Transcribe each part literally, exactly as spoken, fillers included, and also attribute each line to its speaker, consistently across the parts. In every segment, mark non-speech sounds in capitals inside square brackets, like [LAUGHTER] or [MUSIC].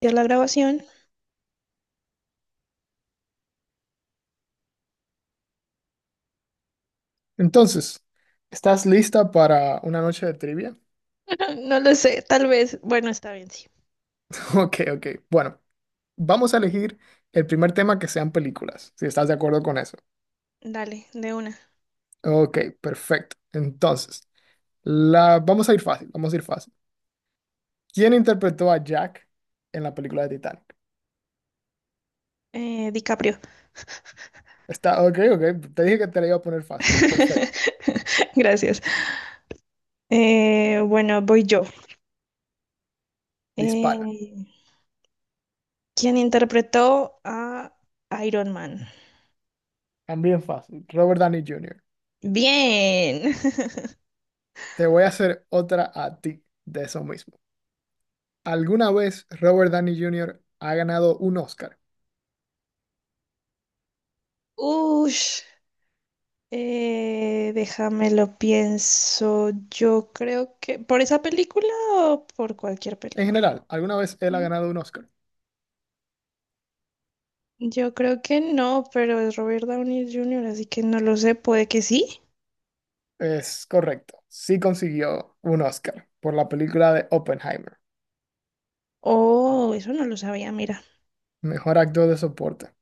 Speaker 1: ¿Ya la grabación?
Speaker 2: Entonces, ¿estás lista para una noche de trivia?
Speaker 1: [LAUGHS] No lo sé, tal vez. Bueno, está bien, sí.
Speaker 2: [LAUGHS] Ok, ok. Bueno, vamos a elegir el primer tema que sean películas, si estás de acuerdo con eso.
Speaker 1: Dale, de una.
Speaker 2: Ok, perfecto. Entonces, la... vamos a ir fácil, vamos a ir fácil. ¿Quién interpretó a Jack en la película de Titanic?
Speaker 1: Eh, DiCaprio.
Speaker 2: Está, ok, ok. Te dije que te la iba a poner fácil. Perfecto.
Speaker 1: [LAUGHS] Gracias. Eh, bueno, voy yo.
Speaker 2: Dispara.
Speaker 1: Eh, ¿quién interpretó a Iron Man?
Speaker 2: También fácil. Robert Downey junior
Speaker 1: Bien. [LAUGHS]
Speaker 2: Te voy a hacer otra a ti de eso mismo. ¿Alguna vez Robert Downey junior ha ganado un Oscar?
Speaker 1: Ush. Eh, déjame lo pienso. Yo creo que... ¿Por esa película o por cualquier
Speaker 2: En
Speaker 1: película?
Speaker 2: general, alguna vez él ha
Speaker 1: No,
Speaker 2: ganado un Oscar.
Speaker 1: yo creo que no, pero es Robert Downey junior, así que no lo sé. Puede que sí.
Speaker 2: Es correcto. Sí consiguió un Oscar por la película de Oppenheimer,
Speaker 1: Oh, eso no lo sabía, mira.
Speaker 2: mejor actor de soporte.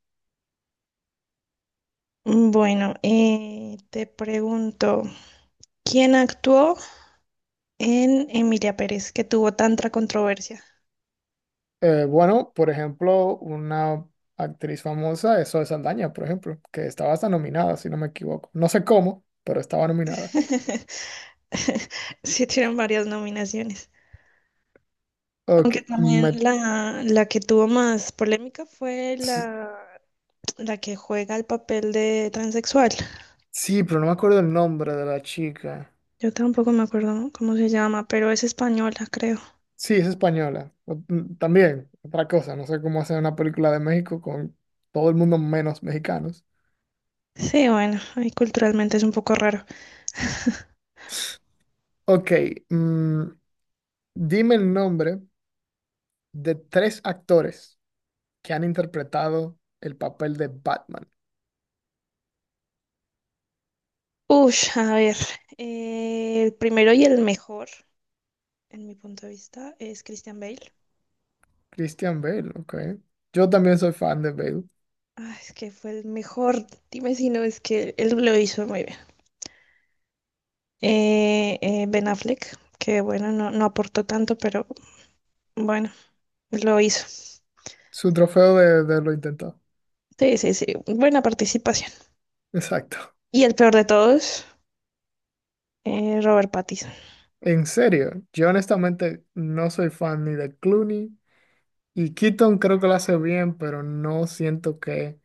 Speaker 1: Mm, bueno, eh, te pregunto, ¿quién actuó en Emilia Pérez, que tuvo tanta controversia?
Speaker 2: Eh, bueno, por ejemplo, una actriz famosa es Zoe Saldaña, por ejemplo, que estaba hasta nominada, si no me equivoco. No sé cómo, pero estaba nominada.
Speaker 1: [LAUGHS] Sí, tienen varias nominaciones. Aunque
Speaker 2: Ok, me-
Speaker 1: también la, la que tuvo más polémica fue
Speaker 2: s-
Speaker 1: la, la que juega el papel de transexual.
Speaker 2: sí, pero no me acuerdo el nombre de la chica.
Speaker 1: Yo tampoco me acuerdo cómo se llama, pero es española, creo.
Speaker 2: Sí, es española. O- mm, También, otra cosa, no sé cómo hacer una película de México con todo el mundo menos mexicanos.
Speaker 1: Sí, bueno, ahí culturalmente es un poco raro. [LAUGHS]
Speaker 2: Ok, mm, dime el nombre de tres actores que han interpretado el papel de Batman.
Speaker 1: Ush, a ver, eh, el primero y el mejor, en mi punto de vista, es Christian Bale.
Speaker 2: Christian Bale, ok. Yo también soy fan de Bale.
Speaker 1: Ah, es que fue el mejor, dime si no, es que él lo hizo muy bien. Eh, eh, Ben Affleck, que bueno, no, no aportó tanto, pero bueno, lo hizo.
Speaker 2: Su trofeo de, de lo intentado.
Speaker 1: Sí, sí, sí, buena participación.
Speaker 2: [LAUGHS] Exacto.
Speaker 1: Y el peor de todos, eh, Robert Pattinson.
Speaker 2: En serio, yo honestamente no soy fan ni de Clooney. Y Keaton creo que lo hace bien, pero no siento que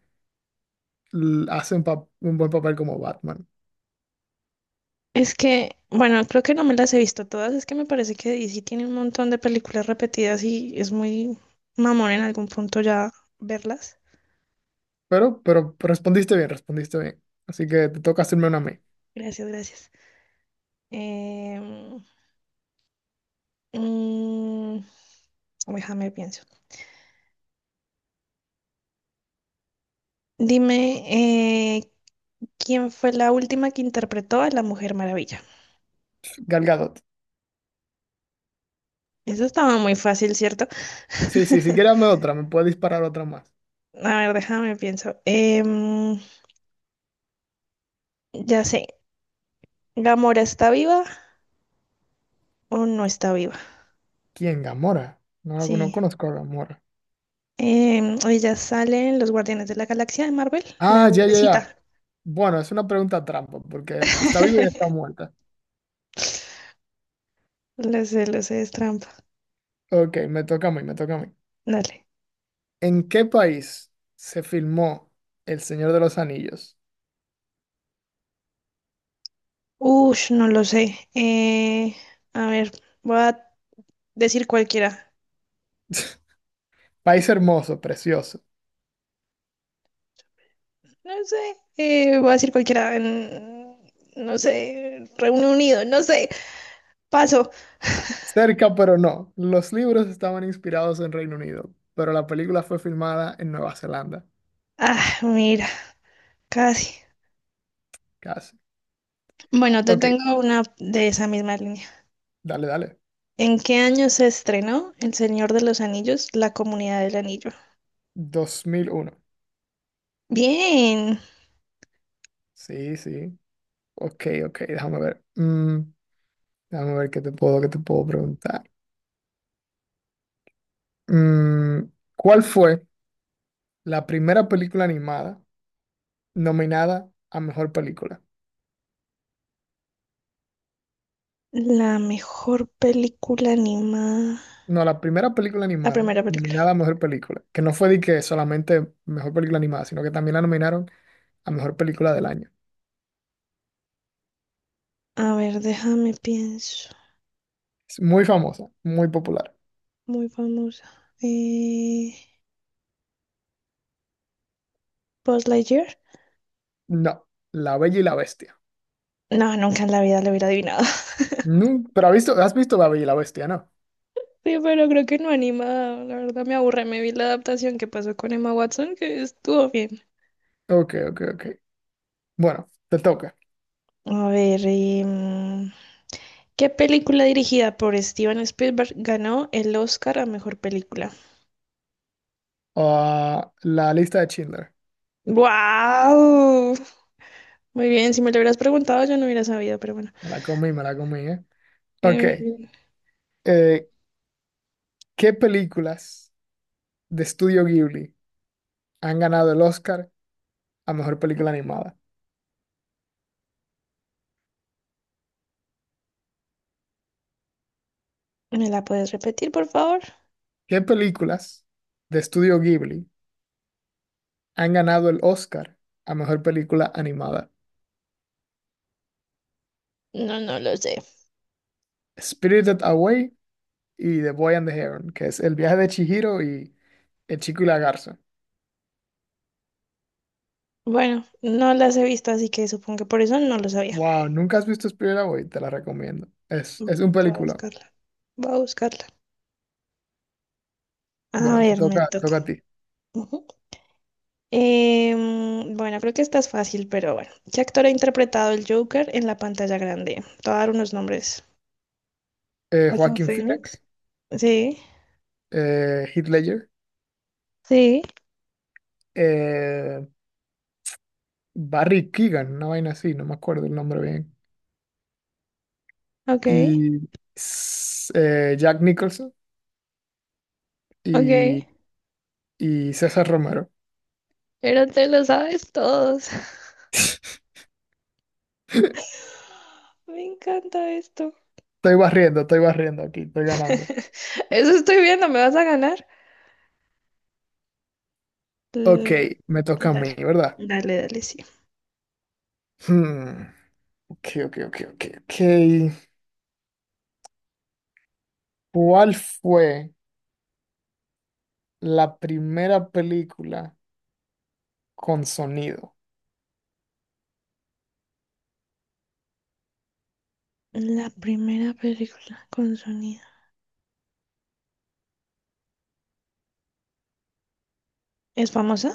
Speaker 2: l- hace un, pa- un buen papel como Batman.
Speaker 1: Es que, bueno, creo que no me las he visto todas, es que me parece que D C tiene un montón de películas repetidas y es muy mamón en algún punto ya verlas.
Speaker 2: Pero, pero respondiste bien, respondiste bien. Así que te toca hacerme una a mí.
Speaker 1: Gracias, gracias. Em, mm, déjame pienso. Dime, eh, ¿quién fue la última que interpretó a la Mujer Maravilla?
Speaker 2: Gal Gadot.
Speaker 1: Eso estaba muy fácil, ¿cierto?
Speaker 2: Sí, sí, sí, quírame
Speaker 1: [LAUGHS]
Speaker 2: otra, me puede disparar otra más.
Speaker 1: A ver, déjame pienso. Em, ya sé, ¿Gamora está viva o no está viva?
Speaker 2: ¿Quién? Gamora. No, la- no
Speaker 1: Sí.
Speaker 2: conozco a Gamora.
Speaker 1: Em, ella sale en Los Guardianes de la Galaxia de Marvel, la
Speaker 2: Ah, ya, ya, ya.
Speaker 1: verdecita.
Speaker 2: Bueno, es una pregunta trampa, porque está viva y
Speaker 1: [LAUGHS]
Speaker 2: está muerta.
Speaker 1: Lo sé, lo sé, es trampa.
Speaker 2: Ok, me toca a mí, me toca a mí.
Speaker 1: Dale.
Speaker 2: ¿En qué país se filmó El Señor de los Anillos?
Speaker 1: Ush, no lo sé. Eh, a ver, voy a decir cualquiera.
Speaker 2: [LAUGHS] País hermoso, precioso.
Speaker 1: No sé, eh, voy a decir cualquiera. En- no sé, Reino Unido, no sé. Paso.
Speaker 2: Cerca, pero no. Los libros estaban inspirados en Reino Unido, pero la película fue filmada en Nueva Zelanda,
Speaker 1: Ah, mira, casi.
Speaker 2: casi.
Speaker 1: Bueno, te
Speaker 2: Ok,
Speaker 1: tengo una de esa misma línea.
Speaker 2: dale, dale.
Speaker 1: ¿En qué año se estrenó El Señor de los Anillos, La Comunidad del Anillo?
Speaker 2: dos mil uno.
Speaker 1: Bien,
Speaker 2: Sí, sí. Ok, ok, déjame ver. Mm, déjame ver qué te puedo, qué te puedo preguntar. Mm, ¿cuál fue la primera película animada nominada a mejor película?
Speaker 1: la mejor película animada.
Speaker 2: No, la primera película
Speaker 1: La
Speaker 2: animada
Speaker 1: primera película.
Speaker 2: nominada a mejor película, que no fue de que solamente mejor película animada, sino que también la nominaron a mejor película del año.
Speaker 1: A ver, déjame pienso.
Speaker 2: Es muy famosa, muy popular.
Speaker 1: Muy famosa. Eh, Buzz Lightyear.
Speaker 2: No, La Bella y la Bestia.
Speaker 1: No, nunca en la vida lo hubiera adivinado. [LAUGHS]
Speaker 2: No, pero has visto, has visto La Bella y la Bestia, ¿no?
Speaker 1: Sí, pero creo que no anima. La verdad me aburre. Me vi la adaptación que pasó con Emma Watson, que estuvo bien.
Speaker 2: Ok, ok, ok. Bueno, te toca.
Speaker 1: A ver, y, mm, ¿qué película dirigida por Steven Spielberg ganó el Oscar a mejor película?
Speaker 2: Ah, la lista de Schindler.
Speaker 1: ¡Wow! Muy bien, si me lo hubieras preguntado yo no hubiera sabido, pero bueno.
Speaker 2: Me la comí, me la comí, ¿eh? Ok.
Speaker 1: Eh,
Speaker 2: eh, ¿qué películas de Estudio Ghibli han ganado el Oscar a Mejor Película Animada?
Speaker 1: ¿me la puedes repetir, por favor?
Speaker 2: ¿Qué películas de Estudio Ghibli han ganado el Oscar a Mejor Película Animada?
Speaker 1: No, no lo sé.
Speaker 2: Spirited Away y The Boy and the Heron, que es El viaje de Chihiro y El chico y la garza.
Speaker 1: Bueno, no las he visto, así que supongo que por eso no lo sabía.
Speaker 2: Wow, ¿nunca has visto Spirited Away? Te la recomiendo. Es, es un
Speaker 1: Voy a
Speaker 2: película.
Speaker 1: buscarla. Voy a buscarla. A
Speaker 2: Bueno, te
Speaker 1: ver, me
Speaker 2: toca, te
Speaker 1: toca.
Speaker 2: toca a ti.
Speaker 1: Ujú. Em, bueno, creo que esta es fácil, pero bueno. ¿Qué actor ha interpretado el Joker en la pantalla grande? Te voy a dar unos nombres.
Speaker 2: Eh,
Speaker 1: Joaquín
Speaker 2: Joaquin
Speaker 1: Phoenix.
Speaker 2: Phoenix,
Speaker 1: Sí,
Speaker 2: eh, Heath Ledger,
Speaker 1: sí,
Speaker 2: eh, Barry Keegan, una vaina así, no me acuerdo el nombre bien.
Speaker 1: ok,
Speaker 2: Y s- eh, Jack Nicholson y,
Speaker 1: ok.
Speaker 2: y César Romero.
Speaker 1: Pero te lo sabes todos.
Speaker 2: [LAUGHS]
Speaker 1: [LAUGHS] Me encanta esto.
Speaker 2: Estoy barriendo, estoy barriendo aquí, estoy ganando.
Speaker 1: [LAUGHS] Eso estoy viendo, ¿me vas a ganar?
Speaker 2: Ok,
Speaker 1: L-
Speaker 2: me toca a mí,
Speaker 1: Dale,
Speaker 2: ¿verdad?
Speaker 1: dale, dale, sí.
Speaker 2: Hmm, ok, ok, ok, ok, ok. ¿Cuál fue la primera película con sonido?
Speaker 1: La primera película con sonido. ¿Es famosa?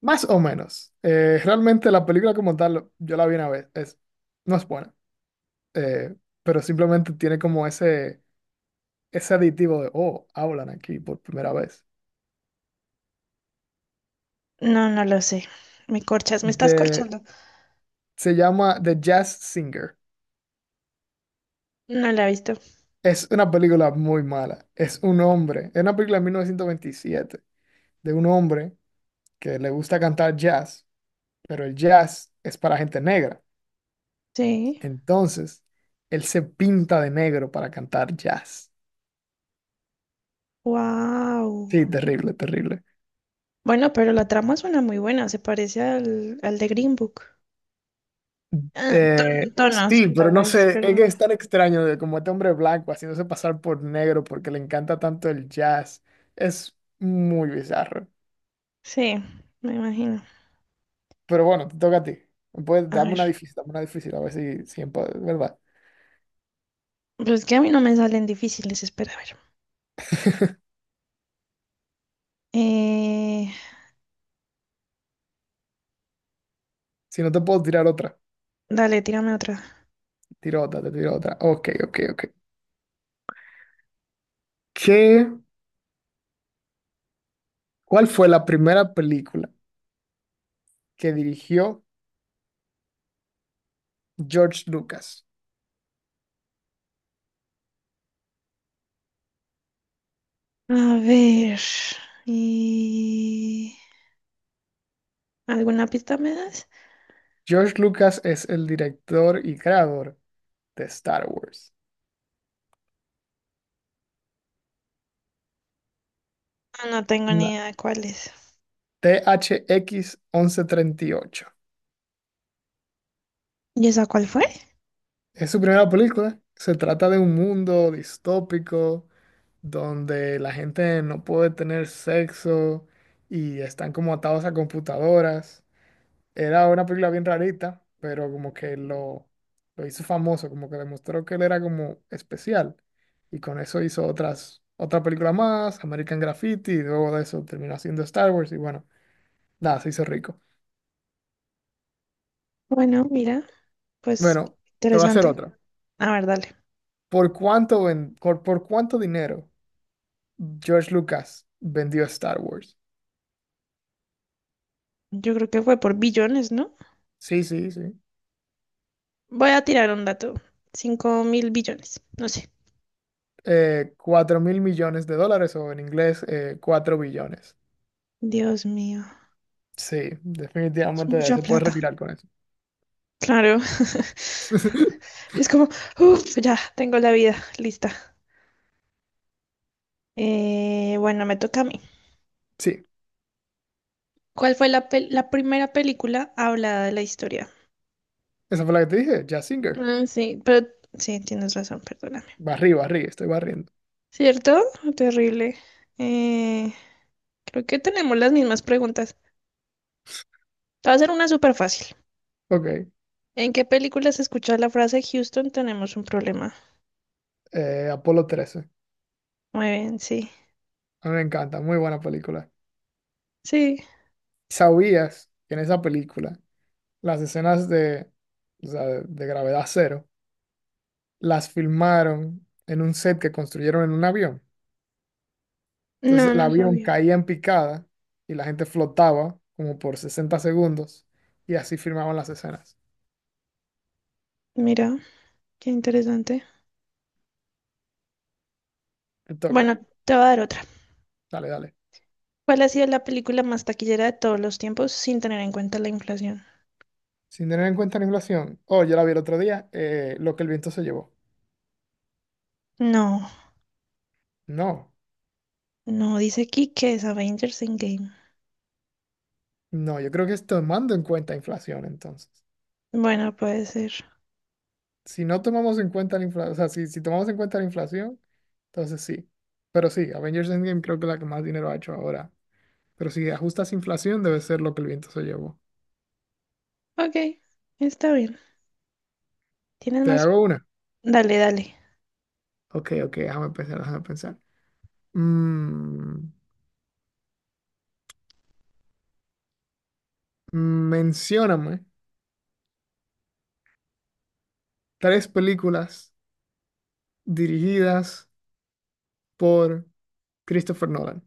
Speaker 2: Más o menos. Eh, realmente la película como tal, yo la vi una vez, es, no es buena, eh, pero simplemente tiene como ese... ese aditivo de, oh, hablan aquí por primera vez.
Speaker 1: No, no lo sé. Me corchas, me estás
Speaker 2: De,
Speaker 1: corchando.
Speaker 2: se llama The Jazz Singer.
Speaker 1: No la he visto.
Speaker 2: Es una película muy mala. Es un hombre, es una película de mil novecientos veintisiete de un hombre que le gusta cantar jazz, pero el jazz es para gente negra.
Speaker 1: Sí.
Speaker 2: Entonces, él se pinta de negro para cantar jazz.
Speaker 1: Wow.
Speaker 2: Sí, terrible, terrible.
Speaker 1: Bueno, pero la trama suena muy buena. Se parece al, al de Green Book. Ah, ton-
Speaker 2: Eh,
Speaker 1: tonos,
Speaker 2: sí, pero
Speaker 1: tal
Speaker 2: no
Speaker 1: vez,
Speaker 2: sé,
Speaker 1: pero
Speaker 2: es que es tan extraño de como este hombre blanco haciéndose pasar por negro porque le encanta tanto el jazz. Es muy bizarro.
Speaker 1: sí, me imagino.
Speaker 2: Pero bueno, te toca a ti. Puedes,
Speaker 1: A
Speaker 2: dame una
Speaker 1: ver.
Speaker 2: difícil, dame una difícil, a ver si, si empa- ¿verdad?
Speaker 1: Pues es que a mí no me salen difíciles. Espera, a ver. Eh,
Speaker 2: Si no te puedo tirar otra,
Speaker 1: dale, tírame otra.
Speaker 2: tiro otra, te tiro otra. Ok, ok, ok. ¿Qué, ¿cuál fue la primera película que dirigió George Lucas?
Speaker 1: A ver. eh, ¿Alguna pista me das?
Speaker 2: George Lucas es el director y creador de Star Wars.
Speaker 1: Ah, no tengo ni idea de cuál es.
Speaker 2: T H X once treinta y ocho.
Speaker 1: ¿Y esa cuál fue?
Speaker 2: Es su primera película. Se trata de un mundo distópico donde la gente no puede tener sexo y están como atados a computadoras. Era una película bien rarita, pero como que lo, lo hizo famoso, como que demostró que él era como especial. Y con eso hizo otras, otra película más, American Graffiti, y luego de eso terminó haciendo Star Wars y bueno, nada, se hizo rico.
Speaker 1: Bueno, mira, pues
Speaker 2: Bueno, te voy a hacer
Speaker 1: interesante.
Speaker 2: otra.
Speaker 1: A ver, dale.
Speaker 2: ¿Por cuánto, ven- por, por cuánto dinero George Lucas vendió Star Wars?
Speaker 1: Yo creo que fue por billones, ¿no?
Speaker 2: Sí, sí, sí.
Speaker 1: Voy a tirar un dato. Cinco mil billones, no sé.
Speaker 2: Eh, cuatro mil millones de dólares o en inglés eh, cuatro billones.
Speaker 1: Dios mío,
Speaker 2: Sí,
Speaker 1: es
Speaker 2: definitivamente
Speaker 1: mucha
Speaker 2: se puede
Speaker 1: plata.
Speaker 2: retirar con eso.
Speaker 1: Claro. [LAUGHS]
Speaker 2: [LAUGHS]
Speaker 1: Es como, uff, ya tengo la vida lista. Eh, bueno, me toca a mí.
Speaker 2: Sí,
Speaker 1: ¿Cuál fue la, pel- la primera película hablada de la historia?
Speaker 2: esa fue la que te dije, Jazz Singer.
Speaker 1: Ah, sí, pero sí, tienes razón, perdóname.
Speaker 2: Barrí, barrí, estoy barriendo.
Speaker 1: ¿Cierto? Terrible. Eh, creo que tenemos las mismas preguntas. Te va a ser una súper fácil.
Speaker 2: Ok,
Speaker 1: ¿En qué películas escuchas la frase Houston tenemos un problema?
Speaker 2: eh, Apolo trece.
Speaker 1: Muy bien, sí.
Speaker 2: A mí me encanta, muy buena película.
Speaker 1: Sí,
Speaker 2: ¿Sabías que en esa película las escenas de, o sea, de gravedad cero las filmaron en un set que construyeron en un avión? Entonces
Speaker 1: no,
Speaker 2: el
Speaker 1: no
Speaker 2: avión
Speaker 1: sabía.
Speaker 2: caía en picada y la gente flotaba como por sesenta segundos y así filmaban las escenas.
Speaker 1: Mira, qué interesante.
Speaker 2: Te
Speaker 1: Bueno,
Speaker 2: toca.
Speaker 1: te voy a dar otra.
Speaker 2: Dale, dale.
Speaker 1: ¿Cuál ha sido la película más taquillera de todos los tiempos sin tener en cuenta la inflación?
Speaker 2: Sin tener en cuenta la inflación. Oh, yo la vi el otro día, eh, lo que el viento se llevó.
Speaker 1: No,
Speaker 2: No,
Speaker 1: no, dice aquí que es Avengers Endgame.
Speaker 2: no, yo creo que es tomando en cuenta inflación entonces.
Speaker 1: Bueno, puede ser.
Speaker 2: Si no tomamos en cuenta la inflación, o sea, si, si tomamos en cuenta la inflación, entonces sí. Pero sí, Avengers Endgame creo que es la que más dinero ha hecho ahora. Pero si ajustas inflación, debe ser lo que el viento se llevó.
Speaker 1: Ok, está bien. ¿Tienes
Speaker 2: Te
Speaker 1: más?
Speaker 2: hago una.
Speaker 1: Dale, dale.
Speaker 2: Ok, ok, déjame pensar, déjame pensar. Mm, mencióname tres películas dirigidas por Christopher Nolan.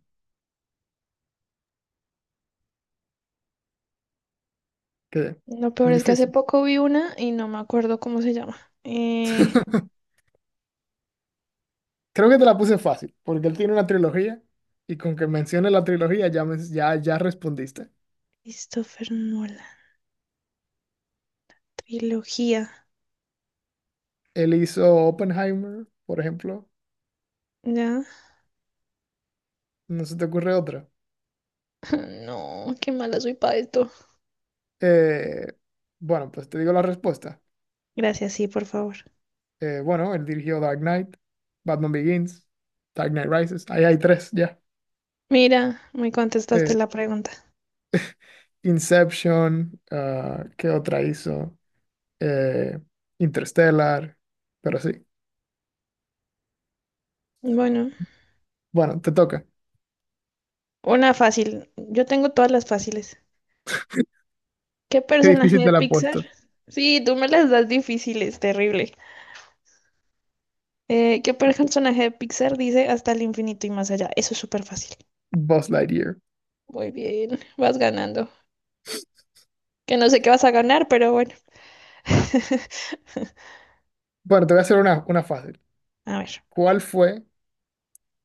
Speaker 2: ¿Qué?
Speaker 1: Lo peor
Speaker 2: Muy
Speaker 1: es que hace
Speaker 2: difícil.
Speaker 1: poco vi una y no me acuerdo cómo se llama. Eh,
Speaker 2: [LAUGHS] Creo que te la puse fácil, porque él tiene una trilogía y con que mencione la trilogía ya, men- ya, ya respondiste.
Speaker 1: Christopher Nolan, trilogía.
Speaker 2: Él hizo Oppenheimer, por ejemplo.
Speaker 1: ¿Ya?
Speaker 2: ¿No se te ocurre otra?
Speaker 1: [LAUGHS] No, qué mala soy para esto.
Speaker 2: Eh, bueno, pues te digo la respuesta.
Speaker 1: Gracias, sí, por favor.
Speaker 2: Eh, bueno, él dirigió Dark Knight, Batman Begins, Dark Knight Rises. Ahí hay tres ya.
Speaker 1: Mira, me contestaste
Speaker 2: Eh,
Speaker 1: la pregunta.
Speaker 2: Inception, ah, ¿qué otra hizo? Eh, Interstellar, pero sí.
Speaker 1: Bueno,
Speaker 2: Bueno, te toca.
Speaker 1: una fácil. Yo tengo todas las fáciles. ¿Qué
Speaker 2: Qué
Speaker 1: personaje
Speaker 2: difícil
Speaker 1: de
Speaker 2: te la he
Speaker 1: Pixar?
Speaker 2: puesto.
Speaker 1: Sí, tú me las das difíciles, terrible. Eh, ¿qué personaje de Pixar dice hasta el infinito y más allá? Eso es súper fácil.
Speaker 2: Buzz Lightyear.
Speaker 1: Muy bien, vas ganando. Que no sé qué vas a ganar, pero bueno. [LAUGHS]
Speaker 2: Bueno, te voy a hacer una, una fácil.
Speaker 1: A ver,
Speaker 2: ¿Cuál fue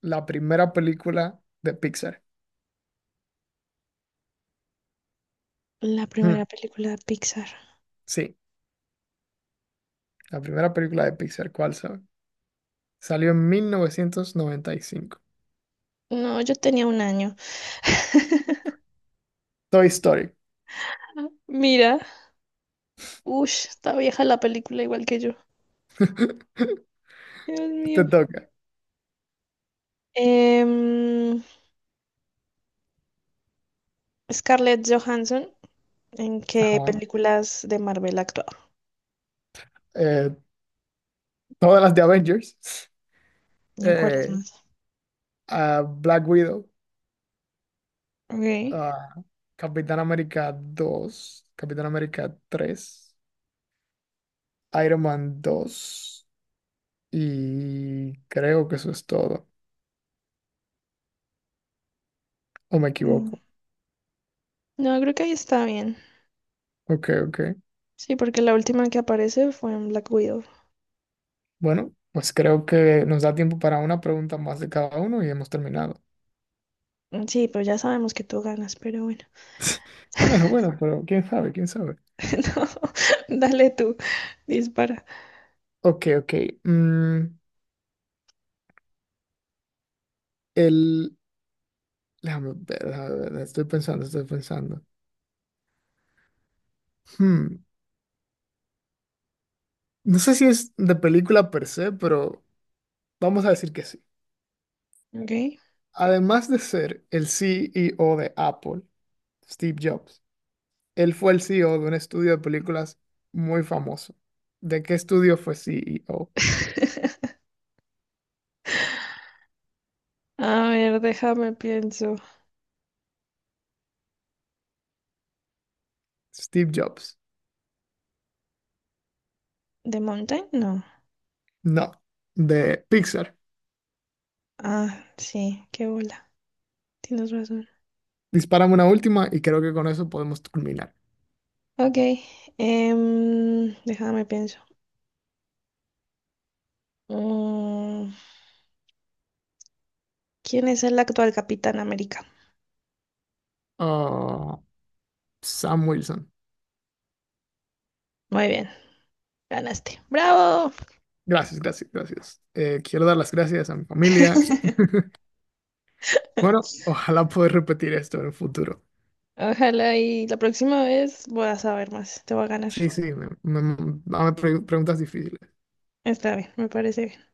Speaker 2: la primera película de Pixar?
Speaker 1: la
Speaker 2: Hmm,
Speaker 1: primera película de Pixar.
Speaker 2: sí, la primera película de Pixar, ¿cuál sabe? Salió en mil novecientos noventa y cinco.
Speaker 1: No, yo tenía un año. [LAUGHS]
Speaker 2: Toy Story.
Speaker 1: Mira, Ush, está vieja la película igual que yo.
Speaker 2: [LAUGHS]
Speaker 1: Dios
Speaker 2: Te
Speaker 1: mío.
Speaker 2: toca.
Speaker 1: Em, Scarlett Johansson, ¿en qué
Speaker 2: Ajá.
Speaker 1: películas de Marvel ha actuado?
Speaker 2: Eh, todas las de Avengers,
Speaker 1: ¿Y en cuáles
Speaker 2: eh,
Speaker 1: más?
Speaker 2: a Black Widow,
Speaker 1: Ok.
Speaker 2: a Capitán América dos Capitán América tres Iron Man dos y creo que eso es todo, o me
Speaker 1: Mm.
Speaker 2: equivoco.
Speaker 1: No, creo que ahí está bien.
Speaker 2: Ok, ok.
Speaker 1: Sí, porque la última que aparece fue en Black Widow.
Speaker 2: Bueno, pues creo que nos da tiempo para una pregunta más de cada uno y hemos terminado.
Speaker 1: Mm, sí, pero ya sabemos que tú ganas, pero bueno.
Speaker 2: [LAUGHS] Bueno, bueno, pero quién sabe, quién sabe.
Speaker 1: [LAUGHS] No, dale tú, dispara.
Speaker 2: Ok, ok. mm, el... Déjame ver, déjame ver, estoy pensando, estoy pensando. Hmm. No sé si es de película per se, pero vamos a decir que sí.
Speaker 1: Ok.
Speaker 2: Además de ser el C E O de Apple, Steve Jobs, él fue el C E O de un estudio de películas muy famoso. ¿De qué estudio fue C E O?
Speaker 1: [LAUGHS] A ver, déjame pienso.
Speaker 2: Steve Jobs.
Speaker 1: ¿The Mountain? No.
Speaker 2: No, de Pixar.
Speaker 1: Ah, sí, qué bola. Tienes razón.
Speaker 2: Dispárame una última y creo que con eso podemos culminar.
Speaker 1: Ok, em, déjame pienso. Mm, ¿quién es el actual Capitán América?
Speaker 2: Ah, Sam Wilson.
Speaker 1: Muy bien, ganaste. ¡Bravo!
Speaker 2: Gracias, gracias, gracias. Eh, quiero dar las gracias a mi familia.
Speaker 1: [LAUGHS]
Speaker 2: Bueno, ojalá poder repetir esto en el futuro.
Speaker 1: Ojalá y la próxima vez voy a saber más. Te voy a ganar.
Speaker 2: Sí, sí, me, me- dame preguntas difíciles.
Speaker 1: Está bien, me parece bien.